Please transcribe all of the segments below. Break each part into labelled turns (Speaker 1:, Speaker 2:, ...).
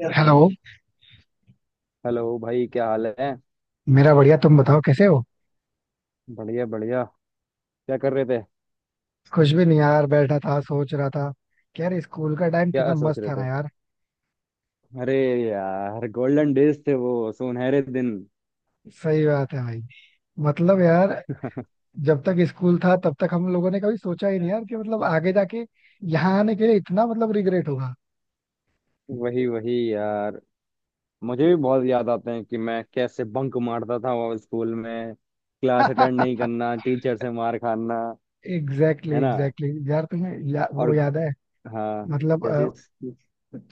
Speaker 1: यार hello.
Speaker 2: Hello भाई, क्या हाल है।
Speaker 1: मेरा बढ़िया, तुम बताओ कैसे हो?
Speaker 2: बढ़िया बढ़िया। क्या कर रहे थे।
Speaker 1: कुछ भी नहीं यार, बैठा था, सोच रहा था कि यार स्कूल का टाइम
Speaker 2: क्या
Speaker 1: कितना
Speaker 2: सोच
Speaker 1: मस्त
Speaker 2: रहे
Speaker 1: था
Speaker 2: थे।
Speaker 1: ना यार।
Speaker 2: अरे यार, गोल्डन डेज थे वो, सुनहरे दिन।
Speaker 1: सही बात है भाई। मतलब यार, जब तक स्कूल था तब तक हम लोगों ने कभी सोचा ही नहीं यार कि मतलब आगे जाके यहाँ आने के लिए इतना मतलब रिग्रेट होगा।
Speaker 2: वही वही यार, मुझे भी बहुत याद आते हैं कि मैं कैसे बंक मारता था वो, स्कूल में क्लास अटेंड नहीं करना, टीचर से मार खाना।
Speaker 1: एग्जैक्टली
Speaker 2: है ना।
Speaker 1: एग्जैक्टली यार, तुम्हें
Speaker 2: और,
Speaker 1: वो याद है?
Speaker 2: हाँ।
Speaker 1: मतलब
Speaker 2: क्या चीज।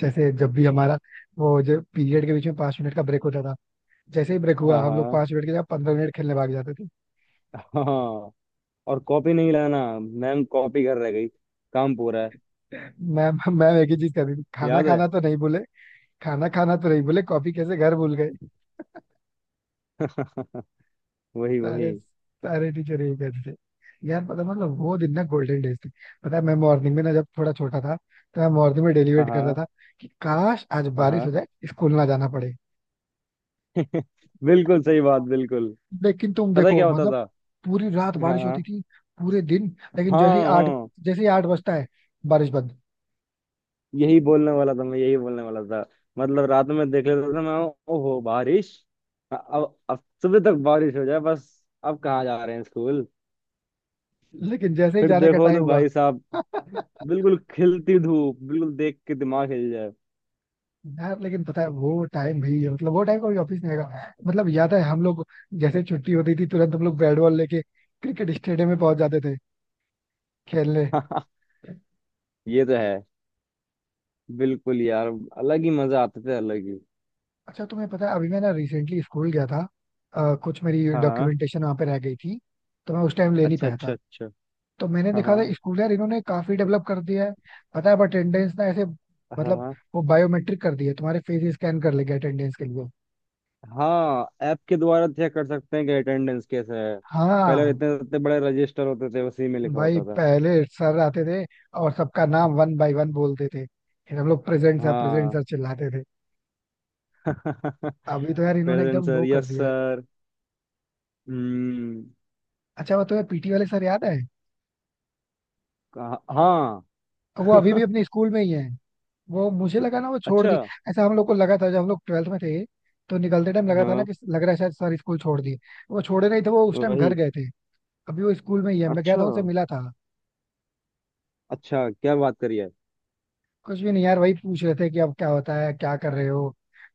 Speaker 1: जैसे जब भी हमारा वो जो पीरियड के बीच में 5 मिनट का ब्रेक होता था, जैसे ही ब्रेक हुआ
Speaker 2: हाँ
Speaker 1: हम लोग
Speaker 2: हाँ।
Speaker 1: 5 मिनट के जगह 15 मिनट खेलने भाग जाते।
Speaker 2: हाँ हाँ। और कॉपी नहीं लाना, मैम कॉपी कर रह गई, काम पूरा है।
Speaker 1: मैम मैम एक ही चीज कर रही थी, खाना
Speaker 2: याद है।
Speaker 1: खाना तो नहीं बोले। खाना खाना तो नहीं बोले, कॉफी कैसे घर भूल गए।
Speaker 2: वही वही।
Speaker 1: सारे सारे टीचर यही कहते थे। यार पता मतलब वो दिन ना गोल्डन डेज थे। पता है मैं मॉर्निंग में ना, जब थोड़ा छोटा था, तो मैं मॉर्निंग में डेली
Speaker 2: हाँ
Speaker 1: वेट करता
Speaker 2: हाँ।
Speaker 1: था कि काश आज
Speaker 2: हाँ
Speaker 1: बारिश हो
Speaker 2: हाँ।
Speaker 1: जाए, स्कूल ना जाना पड़े।
Speaker 2: बिल्कुल सही बात, बिल्कुल।
Speaker 1: लेकिन तुम
Speaker 2: पता है
Speaker 1: देखो
Speaker 2: क्या होता
Speaker 1: मतलब,
Speaker 2: था।
Speaker 1: पूरी रात बारिश होती
Speaker 2: हाँ
Speaker 1: थी, पूरे दिन, लेकिन जैसे ही
Speaker 2: हाँ
Speaker 1: 8,
Speaker 2: हाँ।
Speaker 1: जैसे ही आठ बजता है बारिश बंद।
Speaker 2: यही बोलने वाला था मैं, यही बोलने वाला था। मतलब रात में देख लेता था मैं, ओहो बारिश। अब सुबह तक बारिश हो जाए बस। अब कहाँ जा रहे हैं स्कूल।
Speaker 1: लेकिन जैसे ही
Speaker 2: फिर
Speaker 1: जाने का
Speaker 2: देखो
Speaker 1: टाइम
Speaker 2: तो
Speaker 1: हुआ।
Speaker 2: भाई साहब, बिल्कुल खिलती धूप, बिल्कुल देख के दिमाग हिल जाए।
Speaker 1: यार लेकिन पता है वो टाइम भी है, मतलब वो टाइम कभी ऑफिस नहीं आएगा। मतलब याद है हम लोग जैसे छुट्टी होती थी तुरंत हम लोग बैट बॉल लेके क्रिकेट स्टेडियम में पहुंच जाते थे खेलने।
Speaker 2: ये तो है। बिल्कुल यार, अलग ही मजा आते थे, अलग ही।
Speaker 1: अच्छा तुम्हें पता है अभी मैं ना रिसेंटली स्कूल गया था, कुछ मेरी
Speaker 2: हाँ हाँ।
Speaker 1: डॉक्यूमेंटेशन वहाँ पे रह गई थी तो मैं उस टाइम ले नहीं
Speaker 2: अच्छा
Speaker 1: पाया
Speaker 2: अच्छा
Speaker 1: था।
Speaker 2: अच्छा।
Speaker 1: तो मैंने
Speaker 2: हाँ
Speaker 1: देखा
Speaker 2: हाँ
Speaker 1: था स्कूल, यार इन्होंने काफी डेवलप कर दिया है। पता है अब अटेंडेंस ना ऐसे, मतलब
Speaker 2: हाँ
Speaker 1: वो बायोमेट्रिक कर दी है, तुम्हारे फेस स्कैन कर लेंगे अटेंडेंस के लिए।
Speaker 2: हाँ, ऐप के द्वारा चेक कर सकते हैं कि अटेंडेंस कैसा है। पहले
Speaker 1: हाँ।
Speaker 2: इतने इतने बड़े रजिस्टर होते थे, उसी में लिखा
Speaker 1: भाई
Speaker 2: होता था।
Speaker 1: पहले सर आते थे और सबका नाम वन बाय वन बोलते थे, फिर हम लोग प्रेजेंट
Speaker 2: हाँ।
Speaker 1: सर चिल्लाते थे। अभी तो यार इन्होंने
Speaker 2: प्रेजेंट
Speaker 1: एकदम
Speaker 2: सर,
Speaker 1: वो कर
Speaker 2: यस
Speaker 1: दिया है।
Speaker 2: सर। हम्म।
Speaker 1: अच्छा वो तो यार पीटी वाले सर याद है?
Speaker 2: हाँ।
Speaker 1: वो अभी भी अपने स्कूल में ही है। वो मुझे लगा ना वो छोड़
Speaker 2: अच्छा।
Speaker 1: दी। ऐसा हम लोग को लगा था जब हम लोग ट्वेल्थ में थे, तो निकलते टाइम लगा था ना,
Speaker 2: हाँ,
Speaker 1: कि लग रहा है शायद सर स्कूल छोड़ दिए। वो छोड़े नहीं थे, वो उस टाइम
Speaker 2: वही।
Speaker 1: घर गए थे। अभी वो स्कूल में ही है, मैं गया
Speaker 2: अच्छा
Speaker 1: था उनसे मिला था।
Speaker 2: अच्छा, क्या बात करी है।
Speaker 1: कुछ भी नहीं यार, वही पूछ रहे थे कि अब क्या होता है, क्या कर रहे हो।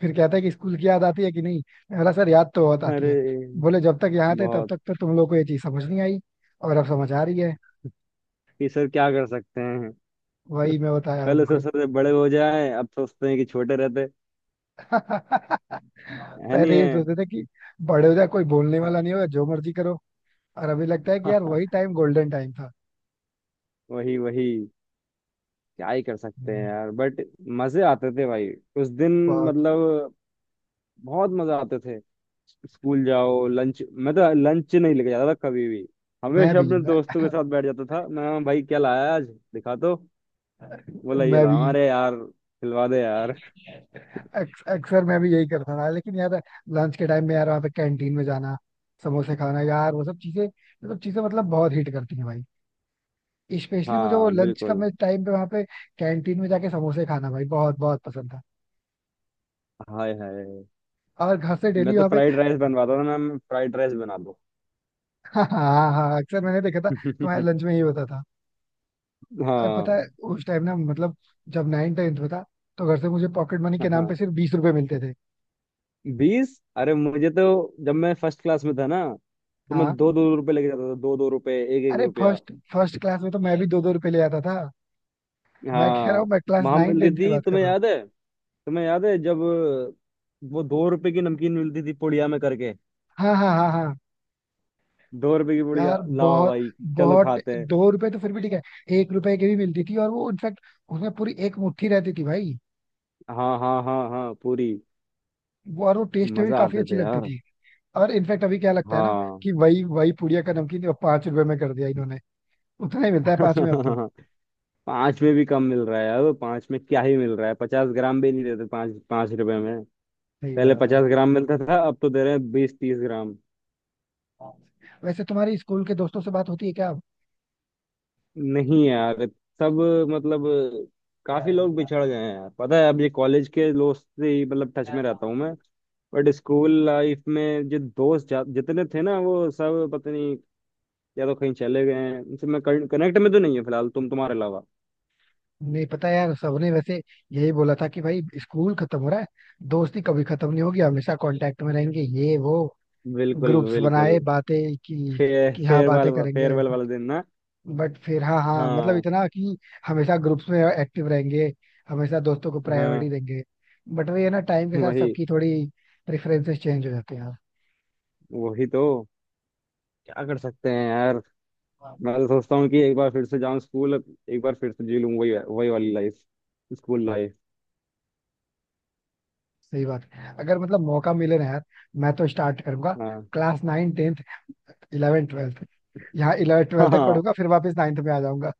Speaker 1: फिर कहता है कि स्कूल की याद आती है कि नहीं। मैं बोला सर याद तो बहुत आती
Speaker 2: अरे,
Speaker 1: है। बोले जब तक यहाँ थे तब
Speaker 2: बहुत।
Speaker 1: तक तो तुम लोग को ये चीज समझ नहीं आई, और अब समझ आ रही है।
Speaker 2: कि सर क्या कर सकते हैं।
Speaker 1: वही मैं बताया
Speaker 2: पहले
Speaker 1: उनको।
Speaker 2: सोचते थे बड़े हो जाए, अब सोचते हैं कि छोटे रहते। है नहीं
Speaker 1: पहले ये
Speaker 2: है।
Speaker 1: सोचते थे कि बड़े हो जाए कोई बोलने वाला
Speaker 2: हाँ।
Speaker 1: नहीं होगा, जो मर्जी करो। और अभी लगता है कि यार वही टाइम गोल्डन टाइम था।
Speaker 2: वही वही। क्या ही कर सकते हैं
Speaker 1: हम्म।
Speaker 2: यार, बट मजे आते थे भाई, उस दिन।
Speaker 1: बहुत।
Speaker 2: मतलब बहुत मजा आते थे। स्कूल जाओ लंच, मैं तो लंच नहीं लेके जाता था कभी भी,
Speaker 1: मैं
Speaker 2: हमेशा
Speaker 1: भी
Speaker 2: अपने
Speaker 1: मैं,
Speaker 2: दोस्तों के साथ बैठ जाता था, मैं भाई क्या लाया है आज, दिखा तो, बोला ये
Speaker 1: मैं
Speaker 2: ला
Speaker 1: भी
Speaker 2: हमारे यार, खिलवा दे यार।
Speaker 1: अक्सर मैं भी यही करता था, लेकिन यार लंच के टाइम में यार वहाँ पे कैंटीन में जाना, समोसे खाना यार वो सब चीजें, वो सब चीजें मतलब बहुत हिट करती हैं भाई। स्पेशली मुझे वो
Speaker 2: हाँ
Speaker 1: लंच का,
Speaker 2: बिल्कुल।
Speaker 1: मैं टाइम पे वहाँ पे कैंटीन में जाके समोसे खाना भाई बहुत बहुत पसंद था।
Speaker 2: हाय हाय।
Speaker 1: और घर से
Speaker 2: मैं
Speaker 1: डेली
Speaker 2: तो
Speaker 1: वहाँ पे।
Speaker 2: फ्राइड राइस बनवाता था, मैम फ्राइड राइस बना दो।
Speaker 1: हाँ हाँ हाँ, अक्सर मैंने देखा था तुम्हारे लंच में ये होता था। और पता
Speaker 2: हाँ
Speaker 1: है उस टाइम ना, मतलब जब नाइन टेंथ में था, तो घर से मुझे पॉकेट मनी के नाम
Speaker 2: हाँ।
Speaker 1: पे सिर्फ 20 रुपए मिलते थे।
Speaker 2: 20, अरे मुझे तो, जब मैं फर्स्ट क्लास में था ना, तो मैं
Speaker 1: हाँ।
Speaker 2: 2-2 रुपए लेके जाता था, 2-2 रुपए, एक एक
Speaker 1: अरे
Speaker 2: रुपया
Speaker 1: फर्स्ट फर्स्ट क्लास में तो मैं भी दो दो रुपए ले आता था। मैं कह रहा हूँ
Speaker 2: हाँ।
Speaker 1: मैं क्लास
Speaker 2: वहां
Speaker 1: नाइन
Speaker 2: मिलती
Speaker 1: टेंथ की
Speaker 2: थी,
Speaker 1: बात कर
Speaker 2: तुम्हें
Speaker 1: रहा हूँ।
Speaker 2: याद है, तुम्हें याद है जब, वो 2 रुपए की नमकीन मिलती थी पुड़िया में करके,
Speaker 1: हाँ हाँ हाँ हाँ।
Speaker 2: 2 रुपए की
Speaker 1: यार
Speaker 2: पुड़िया लाओ
Speaker 1: बहुत
Speaker 2: भाई, चलो
Speaker 1: बहुत।
Speaker 2: खाते हैं।
Speaker 1: दो रुपए तो फिर भी ठीक है, 1 रुपए की भी मिलती थी, और वो इनफैक्ट उसमें पूरी एक मुट्ठी रहती थी भाई।
Speaker 2: हाँ हाँ हाँ हाँ पूरी।
Speaker 1: वो, और वो टेस्ट भी
Speaker 2: मजा
Speaker 1: काफी
Speaker 2: आते
Speaker 1: अच्छी
Speaker 2: थे
Speaker 1: लगती
Speaker 2: यार।
Speaker 1: थी। और इनफैक्ट अभी क्या लगता है ना
Speaker 2: हाँ।
Speaker 1: कि वही वही पुड़िया का नमकीन अब 5 रुपए में कर दिया इन्होंने। उतना ही मिलता है पांच में अब तो।
Speaker 2: पांच में भी कम मिल रहा है, अब पांच में क्या ही मिल रहा है, 50 ग्राम भी नहीं देते 5-5 रुपए में।
Speaker 1: सही
Speaker 2: पहले
Speaker 1: बात है।
Speaker 2: 50 ग्राम मिलता था, अब तो दे रहे हैं 20-30 ग्राम।
Speaker 1: वैसे तुम्हारी स्कूल के दोस्तों से बात होती है क्या अब?
Speaker 2: नहीं यार। सब, मतलब काफी लोग बिछड़ गए हैं यार, पता है अब ये कॉलेज के दोस्त से ही मतलब टच में रहता हूँ मैं। बट स्कूल लाइफ में जो दोस्त जितने थे ना वो सब पता नहीं, या तो कहीं चले गए हैं, उनसे मैं कनेक्ट में तो नहीं है फिलहाल, तुम्हारे अलावा।
Speaker 1: नहीं पता यार, सबने वैसे यही बोला था कि भाई स्कूल खत्म हो रहा है, दोस्ती कभी खत्म नहीं होगी, हमेशा कांटेक्ट में रहेंगे, ये वो,
Speaker 2: बिल्कुल
Speaker 1: ग्रुप्स
Speaker 2: बिल्कुल।
Speaker 1: बनाए, बातें की
Speaker 2: फे,
Speaker 1: कि हाँ
Speaker 2: फेयरवेल,
Speaker 1: बातें करेंगे,
Speaker 2: फेयरवेल वाले दिन ना,
Speaker 1: बट फिर हाँ हाँ मतलब
Speaker 2: हाँ
Speaker 1: इतना कि हमेशा ग्रुप्स में एक्टिव रहेंगे, हमेशा दोस्तों को प्रायोरिटी
Speaker 2: हाँ,
Speaker 1: देंगे। बट वही है ना, टाइम के साथ
Speaker 2: वही।
Speaker 1: सबकी थोड़ी प्रेफरेंसेस चेंज हो जाती हैं यार।
Speaker 2: वही तो, क्या कर सकते हैं यार। मैं तो सोचता हूँ कि एक बार फिर से जाऊँ स्कूल, एक बार फिर से जी लूँ वही वही वाली लाइफ, स्कूल लाइफ।
Speaker 1: सही बात है, अगर मतलब मौका मिले ना यार, मैं तो स्टार्ट करूंगा
Speaker 2: हाँ।
Speaker 1: Class nine tenth, eleven twelfth. यहाँ इलेवन ट्वेल्थ तक
Speaker 2: हाँ
Speaker 1: पढ़ूंगा फिर वापस नाइन्थ में आ जाऊंगा।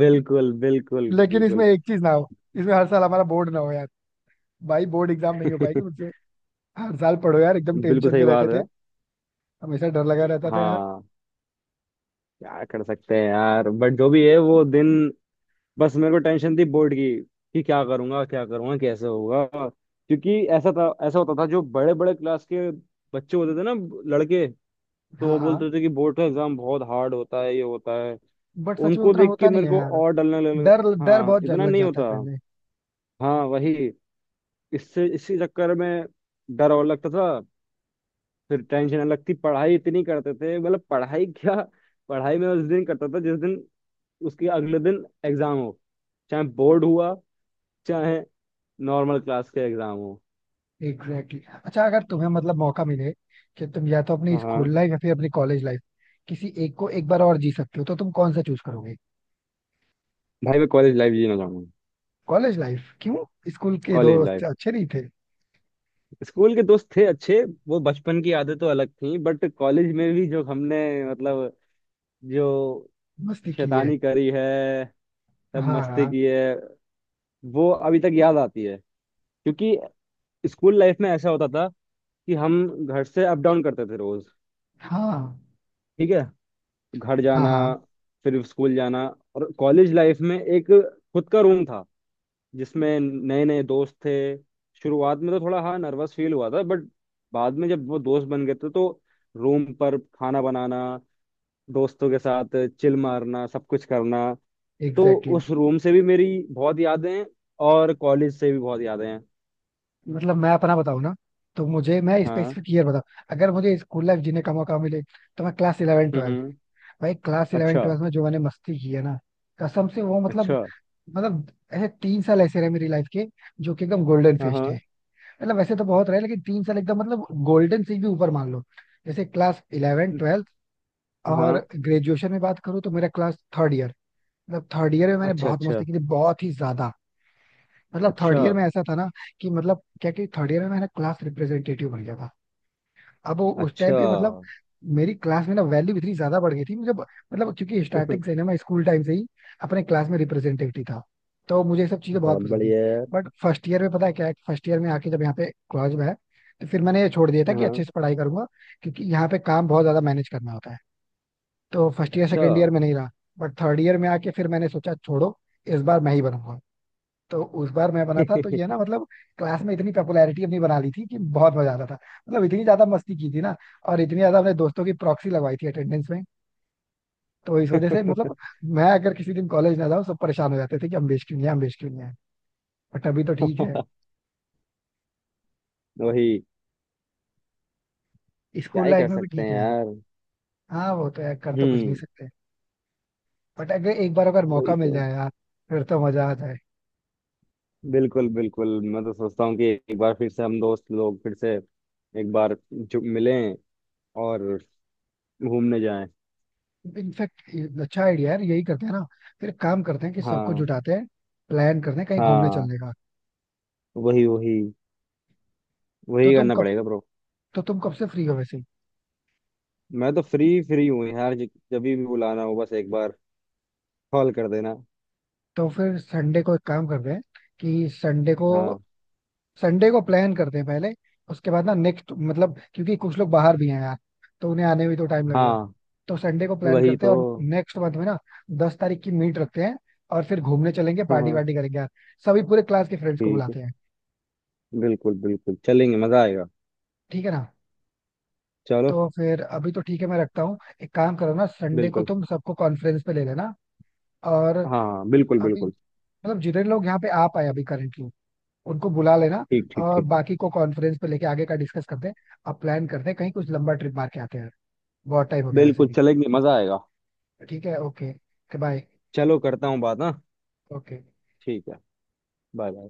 Speaker 2: बिल्कुल बिल्कुल
Speaker 1: लेकिन
Speaker 2: बिल्कुल।
Speaker 1: इसमें एक चीज ना हो, इसमें हर साल हमारा बोर्ड ना हो यार, भाई बोर्ड एग्जाम नहीं हो पाएगी मुझसे। हर साल पढ़ो यार, एकदम
Speaker 2: बिल्कुल
Speaker 1: टेंशन
Speaker 2: सही
Speaker 1: में रहते
Speaker 2: बात है।
Speaker 1: थे। हमेशा डर लगा रहता था यार।
Speaker 2: हाँ। क्या कर सकते हैं यार, बट जो भी है वो दिन। बस मेरे को टेंशन थी बोर्ड की, कि क्या करूंगा क्या करूंगा, कैसे होगा। क्योंकि ऐसा था, ऐसा होता था जो बड़े बड़े क्लास के बच्चे होते थे ना, लड़के, तो
Speaker 1: हाँ
Speaker 2: वो
Speaker 1: हाँ,
Speaker 2: बोलते थे कि बोर्ड का एग्जाम बहुत हार्ड होता है, ये होता है।
Speaker 1: बट सच में
Speaker 2: उनको
Speaker 1: उतना
Speaker 2: देख के
Speaker 1: होता नहीं
Speaker 2: मेरे
Speaker 1: है
Speaker 2: को
Speaker 1: यार।
Speaker 2: और डलने लग।
Speaker 1: डर डर
Speaker 2: हाँ
Speaker 1: बहुत डर
Speaker 2: इतना
Speaker 1: लग
Speaker 2: नहीं
Speaker 1: जाता है
Speaker 2: होता।
Speaker 1: पहले।
Speaker 2: हाँ वही। इससे इसी चक्कर में डर और लगता था। फिर टेंशन नहीं लगती, पढ़ाई इतनी करते थे मतलब, पढ़ाई क्या। पढ़ाई मैं उस दिन करता था, जिस दिन उसके अगले दिन एग्जाम हो। चाहे बोर्ड हुआ, चाहे नॉर्मल क्लास के एग्जाम हो।
Speaker 1: Exactly exactly। अच्छा अगर तुम्हें मतलब मौका मिले कि तुम या तो अपनी
Speaker 2: हाँ।
Speaker 1: स्कूल लाइफ या फिर अपनी कॉलेज लाइफ, किसी एक को एक बार और जी सकते हो, तो तुम कौन सा चूज करोगे?
Speaker 2: भाई मैं कॉलेज लाइफ जीना चाहूंगा।
Speaker 1: कॉलेज लाइफ क्यों, स्कूल के
Speaker 2: कॉलेज
Speaker 1: दोस्त
Speaker 2: लाइफ।
Speaker 1: अच्छे नहीं थे?
Speaker 2: स्कूल के दोस्त थे अच्छे, वो बचपन की आदतें तो अलग थी, बट कॉलेज में भी जो हमने, मतलब, जो
Speaker 1: मस्ती की है।
Speaker 2: शैतानी करी है, सब
Speaker 1: हाँ
Speaker 2: मस्ती
Speaker 1: हाँ।
Speaker 2: की है, वो अभी तक याद आती है। क्योंकि स्कूल लाइफ में ऐसा होता था कि हम घर से अप डाउन करते थे रोज,
Speaker 1: हाँ
Speaker 2: ठीक है, घर
Speaker 1: हाँ
Speaker 2: जाना,
Speaker 1: हाँ।
Speaker 2: फिर स्कूल जाना। और कॉलेज लाइफ में एक खुद का रूम था, जिसमें नए नए दोस्त थे, शुरुआत में तो थोड़ा हाँ नर्वस फील हुआ था, बट बाद में जब वो दोस्त बन गए थे तो रूम पर खाना बनाना, दोस्तों के साथ चिल मारना, सब कुछ करना। तो
Speaker 1: एग्जैक्टली
Speaker 2: उस रूम से भी मेरी बहुत यादें हैं, और कॉलेज से भी बहुत यादें हैं।
Speaker 1: exactly। मतलब मैं अपना बताऊँ ना, तो मुझे, मैं
Speaker 2: हाँ।
Speaker 1: स्पेसिफिक ईयर बताऊँ। अगर मुझे स्कूल लाइफ जीने का मौका मिले तो मैं क्लास
Speaker 2: हम्म
Speaker 1: इलेवन,
Speaker 2: हम्म,
Speaker 1: भाई क्लास इलेवन
Speaker 2: अच्छा
Speaker 1: ट्वेल्थ में जो मैंने मस्ती की है ना, कसम से वो मतलब
Speaker 2: अच्छा।
Speaker 1: मतलब ऐसे 3 साल ऐसे रहे मेरी लाइफ के, जो कि एकदम गोल्डन
Speaker 2: हाँ
Speaker 1: फेस्ट
Speaker 2: हाँ
Speaker 1: है। मतलब वैसे तो बहुत रहे लेकिन 3 साल एकदम मतलब गोल्डन से भी ऊपर मान लो, जैसे क्लास इलेवन ट्वेल्थ। और
Speaker 2: हाँ।
Speaker 1: ग्रेजुएशन में बात करूँ तो मेरा क्लास थर्ड ईयर। मतलब थर्ड ईयर में मैंने
Speaker 2: अच्छा
Speaker 1: बहुत
Speaker 2: अच्छा
Speaker 1: मस्ती की थी, बहुत ही ज्यादा। मतलब थर्ड
Speaker 2: अच्छा
Speaker 1: ईयर में ऐसा था ना कि मतलब क्या, कि थर्ड ईयर में मैंने क्लास रिप्रेजेंटेटिव बन गया था। अब वो उस टाइम
Speaker 2: अच्छा।
Speaker 1: पे मतलब मेरी क्लास में ना वैल्यू इतनी ज्यादा बढ़ गई थी। मतलब क्योंकि स्टार्टिंग से ना मैं स्कूल टाइम से ही अपने क्लास में रिप्रेजेंटेटिव था, तो मुझे ये सब चीजें बहुत
Speaker 2: बहुत
Speaker 1: पसंद थी।
Speaker 2: बढ़िया यार।
Speaker 1: बट फर्स्ट ईयर में पता है क्या है, फर्स्ट ईयर में आके जब यहाँ पे कॉलेज में है, तो फिर मैंने ये छोड़ दिया था कि अच्छे
Speaker 2: हाँ।
Speaker 1: से पढ़ाई करूंगा, क्योंकि यहाँ पे काम बहुत ज्यादा मैनेज करना होता है। तो फर्स्ट ईयर
Speaker 2: अच्छा।
Speaker 1: सेकेंड ईयर में नहीं रहा। बट थर्ड ईयर में आके फिर मैंने सोचा छोड़ो, इस बार मैं ही बनूंगा। तो उस बार मैं बना था, तो ये ना मतलब क्लास में इतनी पॉपुलैरिटी अपनी बना ली थी कि बहुत मजा आता था। मतलब इतनी ज्यादा मस्ती की थी ना, और इतनी ज्यादा अपने दोस्तों की प्रॉक्सी लगवाई थी अटेंडेंस में। तो इस वजह से मतलब मैं अगर किसी दिन कॉलेज ना जाऊँ सब परेशान हो जाते थे कि अमलेश क्यों नहीं है, अमलेश क्यों नहीं है। बट अभी तो ठीक है,
Speaker 2: वही। क्या
Speaker 1: स्कूल
Speaker 2: ही
Speaker 1: लाइफ
Speaker 2: कर
Speaker 1: में भी
Speaker 2: सकते
Speaker 1: ठीक
Speaker 2: हैं
Speaker 1: है यार।
Speaker 2: यार।
Speaker 1: हाँ वो तो यार, कर तो कुछ नहीं
Speaker 2: हम्म।
Speaker 1: सकते। बट अगर एक बार अगर
Speaker 2: वही
Speaker 1: मौका मिल
Speaker 2: तो।
Speaker 1: जाए यार, फिर तो मजा आ जाए।
Speaker 2: बिल्कुल बिल्कुल। मैं तो सोचता हूँ कि एक बार फिर से हम दोस्त लोग फिर से एक बार जो मिलें, और घूमने जाएं।
Speaker 1: इनफैक्ट अच्छा आइडिया यार, यही करते हैं ना, फिर काम करते हैं कि सबको
Speaker 2: हाँ
Speaker 1: जुटाते हैं, प्लान करते हैं कहीं घूमने
Speaker 2: हाँ।
Speaker 1: चलने का।
Speaker 2: वही वही,
Speaker 1: तो
Speaker 2: वही
Speaker 1: तुम
Speaker 2: करना पड़ेगा ब्रो।
Speaker 1: तो तुम कब से फ्री हो वैसे?
Speaker 2: मैं तो फ्री फ्री हूँ यार, जब भी बुलाना हो बस एक बार कॉल कर देना।
Speaker 1: तो फिर संडे को एक काम करते हैं कि संडे को
Speaker 2: हाँ
Speaker 1: संडे को प्लान करते हैं पहले, उसके बाद ना नेक्स्ट मतलब क्योंकि कुछ लोग बाहर भी हैं यार, तो उन्हें आने में भी तो टाइम लगेगा।
Speaker 2: हाँ।
Speaker 1: तो संडे को प्लान
Speaker 2: वही
Speaker 1: करते हैं
Speaker 2: तो।
Speaker 1: और नेक्स्ट मंथ में ना 10 तारीख की मीट रखते हैं, और फिर घूमने चलेंगे,
Speaker 2: हाँ
Speaker 1: पार्टी
Speaker 2: हाँ,
Speaker 1: वार्टी करेंगे यार। सभी पूरे क्लास के फ्रेंड्स को
Speaker 2: ठीक है,
Speaker 1: बुलाते हैं,
Speaker 2: बिल्कुल बिल्कुल चलेंगे, मजा आएगा।
Speaker 1: ठीक है ना?
Speaker 2: चलो।
Speaker 1: तो फिर अभी तो ठीक है, मैं रखता हूँ। एक काम करो ना, संडे को
Speaker 2: बिल्कुल।
Speaker 1: तुम सबको कॉन्फ्रेंस पे ले लेना, और
Speaker 2: हाँ बिल्कुल
Speaker 1: अभी
Speaker 2: बिल्कुल।
Speaker 1: मतलब जितने लोग यहाँ पे आ पाए अभी करेंटली उनको बुला लेना,
Speaker 2: ठीक ठीक
Speaker 1: और
Speaker 2: ठीक।
Speaker 1: बाकी को कॉन्फ्रेंस पे लेके आगे का डिस्कस करते हैं। अब प्लान करते हैं कहीं कुछ लंबा ट्रिप मार के आते हैं, बहुत टाइम हो गया वैसे
Speaker 2: बिल्कुल
Speaker 1: भी।
Speaker 2: चलेंगे, मजा आएगा।
Speaker 1: ठीक है, ओके। बाय।
Speaker 2: चलो करता हूँ बात ना।
Speaker 1: ओके।
Speaker 2: ठीक है। Bye bye.